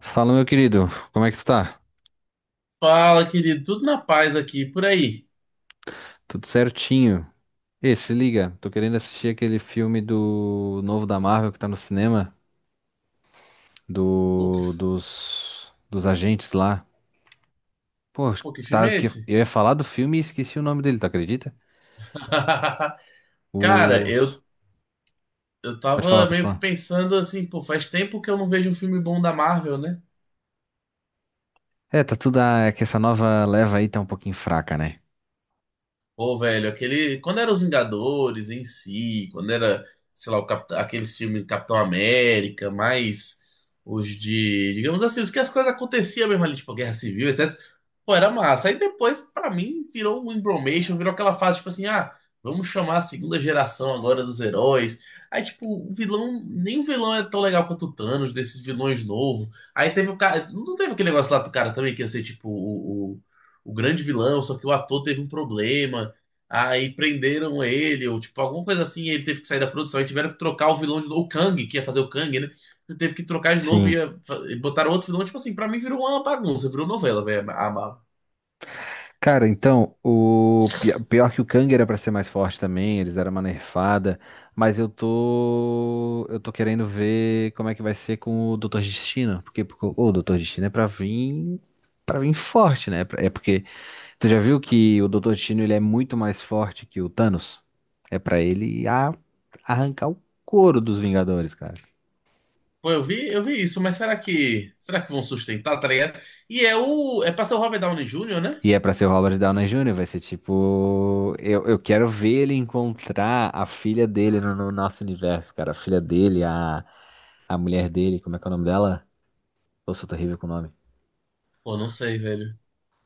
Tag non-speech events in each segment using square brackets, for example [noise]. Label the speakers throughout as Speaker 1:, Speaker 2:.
Speaker 1: Fala, meu querido, como é que tu tá?
Speaker 2: Fala, querido, tudo na paz aqui, por aí.
Speaker 1: Tudo certinho? Ê, se liga, tô querendo assistir aquele filme do novo da Marvel que tá no cinema,
Speaker 2: Pô, que,
Speaker 1: do dos agentes lá. Pô,
Speaker 2: pô, que filme
Speaker 1: tá,
Speaker 2: é
Speaker 1: que eu
Speaker 2: esse?
Speaker 1: ia falar do filme e esqueci o nome dele, tu acredita?
Speaker 2: [laughs] Cara,
Speaker 1: Os...
Speaker 2: eu
Speaker 1: Pode falar,
Speaker 2: tava
Speaker 1: pode
Speaker 2: meio que
Speaker 1: falar.
Speaker 2: pensando assim, pô, faz tempo que eu não vejo um filme bom da Marvel, né?
Speaker 1: É, tá tudo... É que essa nova leva aí tá um pouquinho fraca, né?
Speaker 2: Pô, velho, aquele. Quando era Os Vingadores em si, quando era, sei lá, aqueles filmes do Capitão América, mais os de. Digamos assim, os que as coisas aconteciam mesmo ali, tipo Guerra Civil, etc. Pô, era massa. Aí depois, pra mim, virou um embromation, virou aquela fase, tipo assim, ah, vamos chamar a segunda geração agora dos heróis. Aí, tipo, o vilão. Nem o vilão é tão legal quanto o Thanos, desses vilões novos. Aí teve o cara. Não teve aquele negócio lá do cara também que ia ser, tipo, o grande vilão, só que o ator teve um problema. Aí prenderam ele, ou tipo, alguma coisa assim, ele teve que sair da produção. Aí tiveram que trocar o vilão de novo, o Kang, que ia fazer o Kang, né? Ele teve que trocar de novo e
Speaker 1: Sim.
Speaker 2: botaram outro vilão. Tipo assim, pra mim virou uma bagunça, virou novela, velho, a Marvel.
Speaker 1: Cara, então, o pior que o Kang era pra ser mais forte também, eles deram uma nerfada, mas eu tô querendo ver como é que vai ser com o Doutor Destino, porque o Doutor Destino é pra vir para vir forte, né? É porque tu já viu que o Doutor Destino ele é muito mais forte que o Thanos? É pra ele arrancar o couro dos Vingadores, cara.
Speaker 2: Pô, eu vi isso, mas será que vão sustentar, tá ligado? É pra ser o Robert Downey Jr., né?
Speaker 1: E é pra ser o Robert Downey Jr., vai ser tipo. Eu quero ver ele encontrar a filha dele no nosso universo, cara. A filha dele, a mulher dele, como é que é o nome dela? Eu sou terrível com o nome.
Speaker 2: Pô, não sei, velho.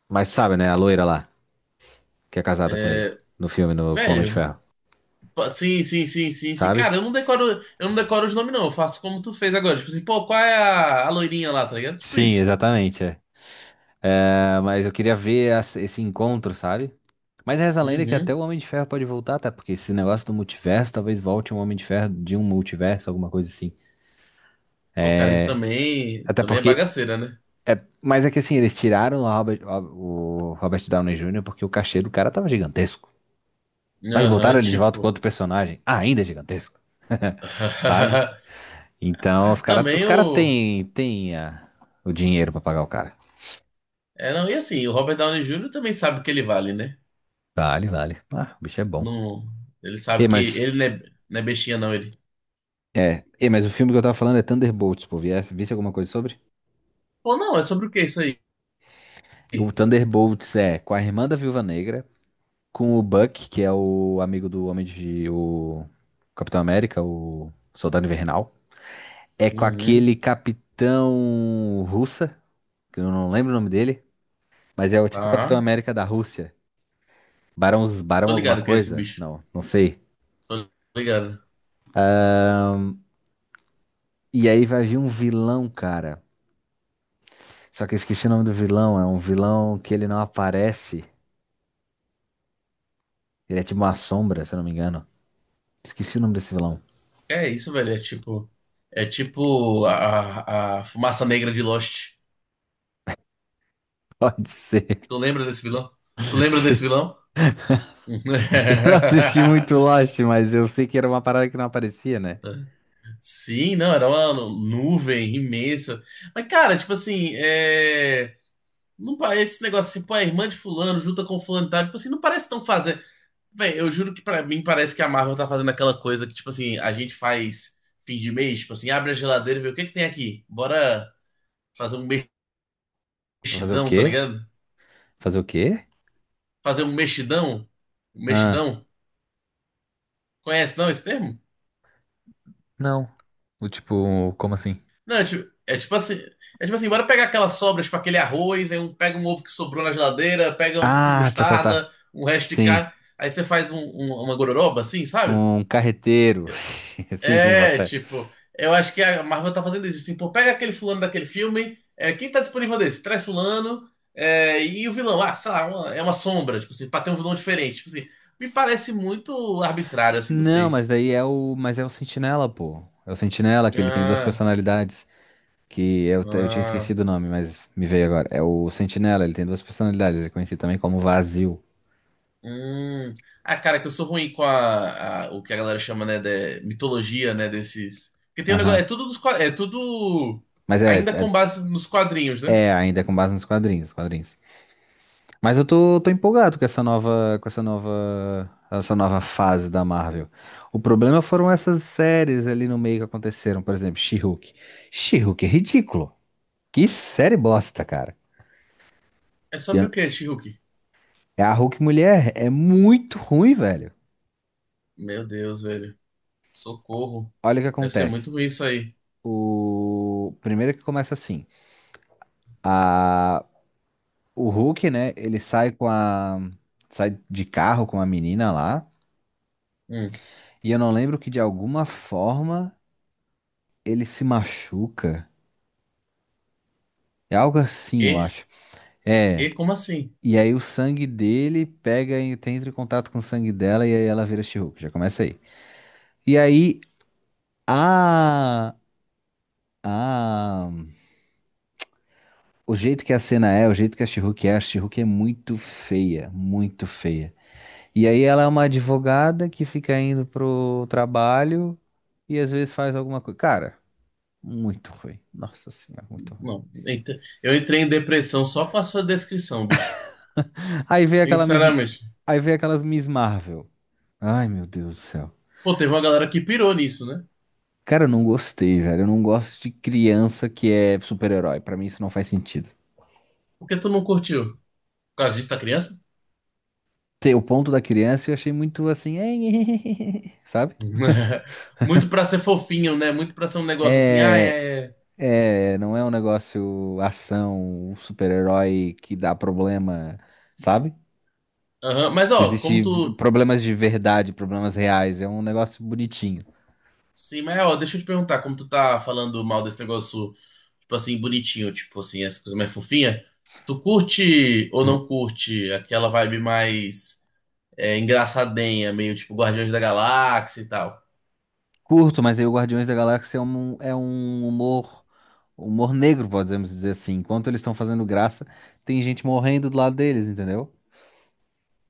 Speaker 1: Mas sabe, né? A loira lá, que é casada com ele,
Speaker 2: É,
Speaker 1: no filme, no, com o Homem de
Speaker 2: velho,
Speaker 1: Ferro,
Speaker 2: pô, sim, sim, sim, sim, sim.
Speaker 1: sabe?
Speaker 2: Cara, eu não decoro os nomes, não. Eu faço como tu fez agora. Tipo assim, pô, qual é a loirinha lá, tá ligado? Tipo
Speaker 1: Sim,
Speaker 2: isso.
Speaker 1: exatamente. É. Ah, mas eu queria ver esse encontro, sabe? Mas reza a lenda que até
Speaker 2: Uhum.
Speaker 1: o Homem de Ferro pode voltar, tá? Porque esse negócio do multiverso, talvez volte um Homem de Ferro de um multiverso, alguma coisa assim.
Speaker 2: O cara aí também,
Speaker 1: Até
Speaker 2: também é
Speaker 1: porque...
Speaker 2: bagaceira, né?
Speaker 1: Mas é que assim, eles tiraram o Robert Downey Jr. porque o cachê do cara tava gigantesco. Mas botaram
Speaker 2: Aham,
Speaker 1: ele de volta com
Speaker 2: tipo.
Speaker 1: outro personagem, ainda é gigantesco. [laughs] Sabe?
Speaker 2: [laughs]
Speaker 1: Então
Speaker 2: É,
Speaker 1: os caras os
Speaker 2: também
Speaker 1: cara
Speaker 2: o.
Speaker 1: têm têm tem, ah, o dinheiro pra pagar o cara.
Speaker 2: É, não, e assim, o Robert Downey Jr. também sabe o que ele vale, né?
Speaker 1: Vale, vale. Ah, o bicho é bom.
Speaker 2: Não, ele
Speaker 1: E,
Speaker 2: sabe que
Speaker 1: mas,
Speaker 2: ele não é bestinha, não, ele.
Speaker 1: mas o filme que eu tava falando é Thunderbolts, pô. Visse alguma coisa sobre?
Speaker 2: Pô, não, é sobre o que isso aí?
Speaker 1: O Thunderbolts é com a irmã da Viúva Negra, com o Buck, que é o amigo do Homem de. O Capitão América, o Soldado Invernal. É com
Speaker 2: Uhum.
Speaker 1: aquele capitão russa, que eu não lembro o nome dele, mas é o tipo Capitão
Speaker 2: Ah,
Speaker 1: América da Rússia. Barão, Barão
Speaker 2: tô
Speaker 1: alguma
Speaker 2: ligado quem é esse
Speaker 1: coisa?
Speaker 2: bicho.
Speaker 1: Não, não sei.
Speaker 2: Tô ligado.
Speaker 1: E aí vai vir um vilão, cara. Só que eu esqueci o nome do vilão. É um vilão que ele não aparece. Ele é tipo uma sombra, se eu não me engano. Esqueci o nome desse vilão.
Speaker 2: É isso, velho. É tipo. É tipo a fumaça negra de Lost.
Speaker 1: Pode ser.
Speaker 2: Tu lembra desse vilão? Tu
Speaker 1: [laughs]
Speaker 2: lembra desse
Speaker 1: Sim.
Speaker 2: vilão?
Speaker 1: Eu não assisti muito
Speaker 2: [laughs]
Speaker 1: Lost, mas eu sei que era uma parada que não aparecia, né?
Speaker 2: Sim, não, era uma nuvem imensa. Mas, cara, tipo assim, é... não parece esse negócio tipo, a irmã de fulano junta com fulano e tal. Tipo assim, não parece tão fazer. Véi, eu juro que pra mim parece que a Marvel tá fazendo aquela coisa que, tipo assim, a gente faz fim de mês, tipo assim, abre a geladeira e vê o que que tem aqui. Bora fazer um
Speaker 1: Pra fazer o
Speaker 2: mexidão, tá
Speaker 1: quê?
Speaker 2: ligado?
Speaker 1: Fazer o quê?
Speaker 2: Fazer um mexidão? Um
Speaker 1: Ah,
Speaker 2: mexidão? Conhece não esse termo?
Speaker 1: não. O tipo, como assim?
Speaker 2: Não, é tipo assim. É tipo assim, bora pegar aquelas sobras, tipo aquele arroz, aí pega um ovo que sobrou na geladeira, pega um pouquinho de
Speaker 1: Ah, tá, tá, tá.
Speaker 2: mostarda, um resto de
Speaker 1: Sim,
Speaker 2: carne, aí você faz uma gororoba assim, sabe?
Speaker 1: um carreteiro. [laughs] Sim, sim, boto
Speaker 2: É,
Speaker 1: fé.
Speaker 2: tipo, eu acho que a Marvel tá fazendo isso, assim, pô, pega aquele fulano daquele filme, é, quem tá disponível desse? Traz fulano, é, e o vilão, ah, sei lá, é uma sombra, tipo assim, pra ter um vilão diferente, tipo assim, me parece muito arbitrário, assim, não
Speaker 1: Não,
Speaker 2: sei.
Speaker 1: mas daí é o, mas é o Sentinela, pô. É o Sentinela que ele tem duas
Speaker 2: Ah,
Speaker 1: personalidades, que eu, eu tinha
Speaker 2: ah.
Speaker 1: esquecido o nome, mas me veio agora. É o Sentinela, ele tem duas personalidades, ele é conhecido também como Vazio.
Speaker 2: Hum. Ah, cara, que eu sou ruim com o que a galera chama, né, de mitologia, né, desses. Porque tem um negócio,
Speaker 1: Aham.
Speaker 2: é tudo dos, é tudo
Speaker 1: Mas é,
Speaker 2: ainda
Speaker 1: é,
Speaker 2: com base nos quadrinhos, né?
Speaker 1: é ainda é com base nos quadrinhos, quadrinhos. Mas eu tô empolgado com essa nova fase da Marvel. O problema foram essas séries ali no meio que aconteceram, por exemplo, She-Hulk. She-Hulk é ridículo. Que série bosta, cara.
Speaker 2: É sobre o quê, Shihuki?
Speaker 1: É a Hulk mulher é muito ruim, velho.
Speaker 2: Meu Deus, velho. Socorro.
Speaker 1: Olha o que
Speaker 2: Deve ser
Speaker 1: acontece.
Speaker 2: muito ruim isso aí.
Speaker 1: O primeiro que começa assim, a o Hulk, né, ele sai com a sai de carro com a menina lá,
Speaker 2: Hum.
Speaker 1: e eu não lembro que de alguma forma ele se machuca. É algo assim, eu
Speaker 2: Quê?
Speaker 1: acho. É.
Speaker 2: Quê? Como assim?
Speaker 1: E aí o sangue dele pega e tem entra em contato com o sangue dela e aí ela vira She-Hulk. Já começa aí. E aí a a O jeito que a cena é, o jeito que a she é muito feia, muito feia. E aí ela é uma advogada que fica indo pro trabalho e às vezes faz alguma coisa. Cara, muito ruim. Nossa senhora, muito ruim.
Speaker 2: Não. Eita. Eu entrei em depressão só com a sua descrição, bicho.
Speaker 1: Aí vem aquela Miss...
Speaker 2: Sinceramente.
Speaker 1: aí vem aquelas Miss Marvel. Ai, meu Deus do céu.
Speaker 2: Pô, teve uma galera que pirou nisso, né?
Speaker 1: Cara, eu não gostei, velho. Eu não gosto de criança que é super-herói. Pra mim isso não faz sentido.
Speaker 2: Por que tu não curtiu? Por causa disso da criança?
Speaker 1: Ter o ponto da criança eu achei muito assim, [laughs] sabe?
Speaker 2: [laughs] Muito pra ser fofinho, né? Muito pra ser um negócio assim, ah,
Speaker 1: É,
Speaker 2: é. É.
Speaker 1: é, não é um negócio ação, um super-herói que dá problema, sabe?
Speaker 2: Aham. Mas
Speaker 1: Que
Speaker 2: ó, como
Speaker 1: existe
Speaker 2: tu.
Speaker 1: problemas de verdade, problemas reais. É um negócio bonitinho.
Speaker 2: Sim, mas ó, deixa eu te perguntar, como tu tá falando mal desse negócio, tipo assim, bonitinho, tipo assim, essa coisa mais fofinha, tu curte ou não curte aquela vibe mais é, engraçadinha, meio tipo Guardiões da Galáxia e tal?
Speaker 1: Curto, mas aí o Guardiões da Galáxia é é um humor, humor negro, podemos dizer assim. Enquanto eles estão fazendo graça, tem gente morrendo do lado deles, entendeu?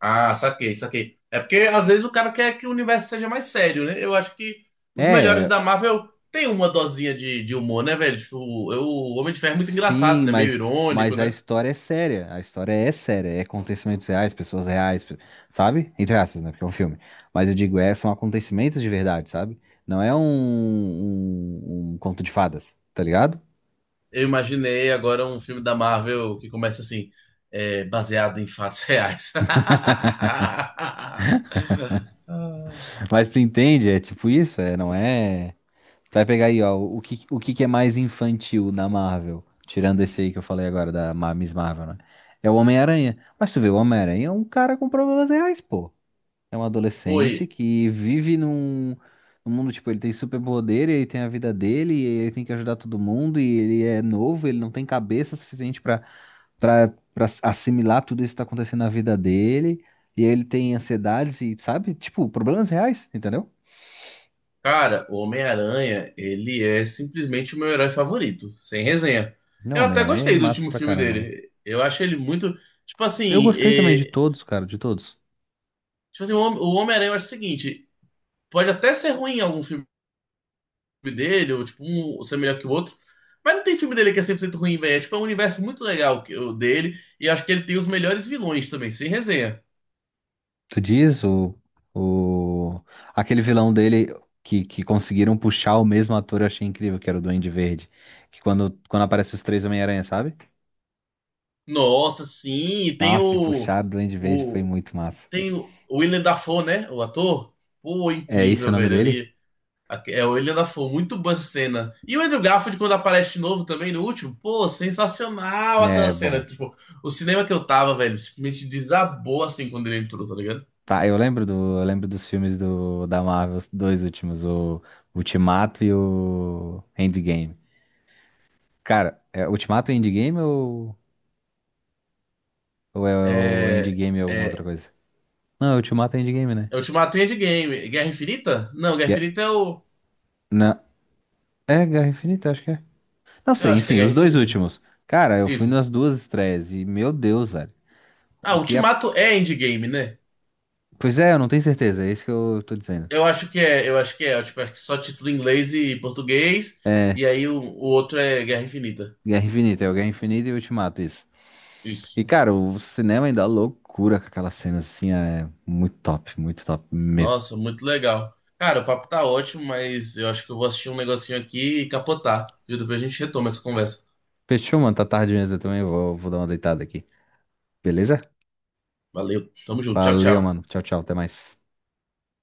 Speaker 2: Ah, saquei, saquei. É porque às vezes o cara quer que o universo seja mais sério, né? Eu acho que os melhores
Speaker 1: É,
Speaker 2: da Marvel têm uma dosinha de, humor, né, velho? Tipo, o Homem de Ferro é muito engraçado,
Speaker 1: sim,
Speaker 2: né? Meio irônico,
Speaker 1: mas a
Speaker 2: né?
Speaker 1: história é séria. A história é séria. É acontecimentos reais, pessoas reais, sabe? Entre aspas, né? Porque é um filme. Mas eu digo, é, são acontecimentos de verdade, sabe? Não é um conto de fadas, tá ligado?
Speaker 2: Eu imaginei agora um filme da Marvel que começa assim, é, baseado em fatos reais. [laughs]
Speaker 1: Mas tu entende, é tipo isso, é, não é. Tu vai pegar aí, ó, o que que é mais infantil na Marvel, tirando esse aí que eu falei agora, da Miss Marvel, né? É o Homem-Aranha. Mas tu vê, o Homem-Aranha é um cara com problemas reais, pô. É um adolescente
Speaker 2: Foi.
Speaker 1: que vive num mundo, tipo, ele tem superpoder, ele tem a vida dele, e ele tem que ajudar todo mundo, e ele é novo, ele não tem cabeça suficiente pra para assimilar tudo isso que tá acontecendo na vida dele, e ele tem ansiedades e, sabe, tipo, problemas reais, entendeu?
Speaker 2: Cara, o Homem-Aranha, ele é simplesmente o meu herói favorito, sem resenha.
Speaker 1: Não,
Speaker 2: Eu até
Speaker 1: Homem-Aranha é
Speaker 2: gostei do
Speaker 1: massa
Speaker 2: último
Speaker 1: pra
Speaker 2: filme
Speaker 1: caramba.
Speaker 2: dele. Eu acho ele muito. Tipo
Speaker 1: Eu
Speaker 2: assim,
Speaker 1: gostei também de
Speaker 2: é,
Speaker 1: todos, cara, de todos.
Speaker 2: tipo assim, o Homem-Aranha, eu acho o seguinte: pode até ser ruim algum filme dele, ou tipo, um ser melhor que o outro, mas não tem filme dele que é 100% ruim, velho. É tipo, é um universo muito legal o dele, e acho que ele tem os melhores vilões também, sem resenha.
Speaker 1: Tu diz o aquele vilão dele que conseguiram puxar o mesmo ator, eu achei incrível, que era o Duende Verde. Que quando aparece os três Homem-Aranha, sabe?
Speaker 2: Nossa, sim, e tem
Speaker 1: Nossa, e puxar o Duende Verde foi
Speaker 2: o
Speaker 1: muito massa.
Speaker 2: o Willem Dafoe, né? O ator. Pô,
Speaker 1: É esse o
Speaker 2: incrível,
Speaker 1: nome
Speaker 2: velho,
Speaker 1: dele?
Speaker 2: ali. É, ele ainda foi muito boa essa cena. E o Andrew Garfield, quando aparece de novo também no último, pô, sensacional aquela
Speaker 1: É,
Speaker 2: cena.
Speaker 1: bom.
Speaker 2: Tipo, o cinema que eu tava, velho, simplesmente desabou assim quando ele entrou, tá ligado?
Speaker 1: Tá, eu lembro dos filmes do, da Marvel, os dois últimos, o Ultimato e o Endgame. Cara, é Ultimato e Endgame ou é o
Speaker 2: É.
Speaker 1: Endgame e alguma outra
Speaker 2: É.
Speaker 1: coisa? Não, é Ultimato e Endgame, né?
Speaker 2: É Ultimato e Endgame. Guerra Infinita? Não, Guerra
Speaker 1: Que é-
Speaker 2: Infinita é o.
Speaker 1: não, é Guerra Infinita, acho que é. Não
Speaker 2: Eu
Speaker 1: sei,
Speaker 2: acho que é
Speaker 1: enfim,
Speaker 2: Guerra
Speaker 1: os dois
Speaker 2: Infinita.
Speaker 1: últimos. Cara, eu fui
Speaker 2: Isso.
Speaker 1: nas duas estreias e, meu Deus, velho.
Speaker 2: Ah,
Speaker 1: O que é.
Speaker 2: Ultimato é Endgame, né?
Speaker 1: Pois é, eu não tenho certeza, é isso que eu tô dizendo.
Speaker 2: Eu acho que é, eu acho que é. Eu, tipo, acho que só título em inglês e português. E aí o outro é Guerra Infinita.
Speaker 1: Guerra Infinita, é o Guerra Infinita e Ultimato, isso.
Speaker 2: Isso.
Speaker 1: E, cara, o cinema ainda é loucura com aquelas cenas assim, é muito top mesmo.
Speaker 2: Nossa, muito legal. Cara, o papo tá ótimo, mas eu acho que eu vou assistir um negocinho aqui e capotar, viu? Depois a gente retoma essa conversa.
Speaker 1: Fechou, mano, tá tarde mesmo, eu também vou dar uma deitada aqui. Beleza?
Speaker 2: Valeu, tamo junto, tchau,
Speaker 1: Valeu, mano.
Speaker 2: tchau.
Speaker 1: Tchau, tchau, até mais.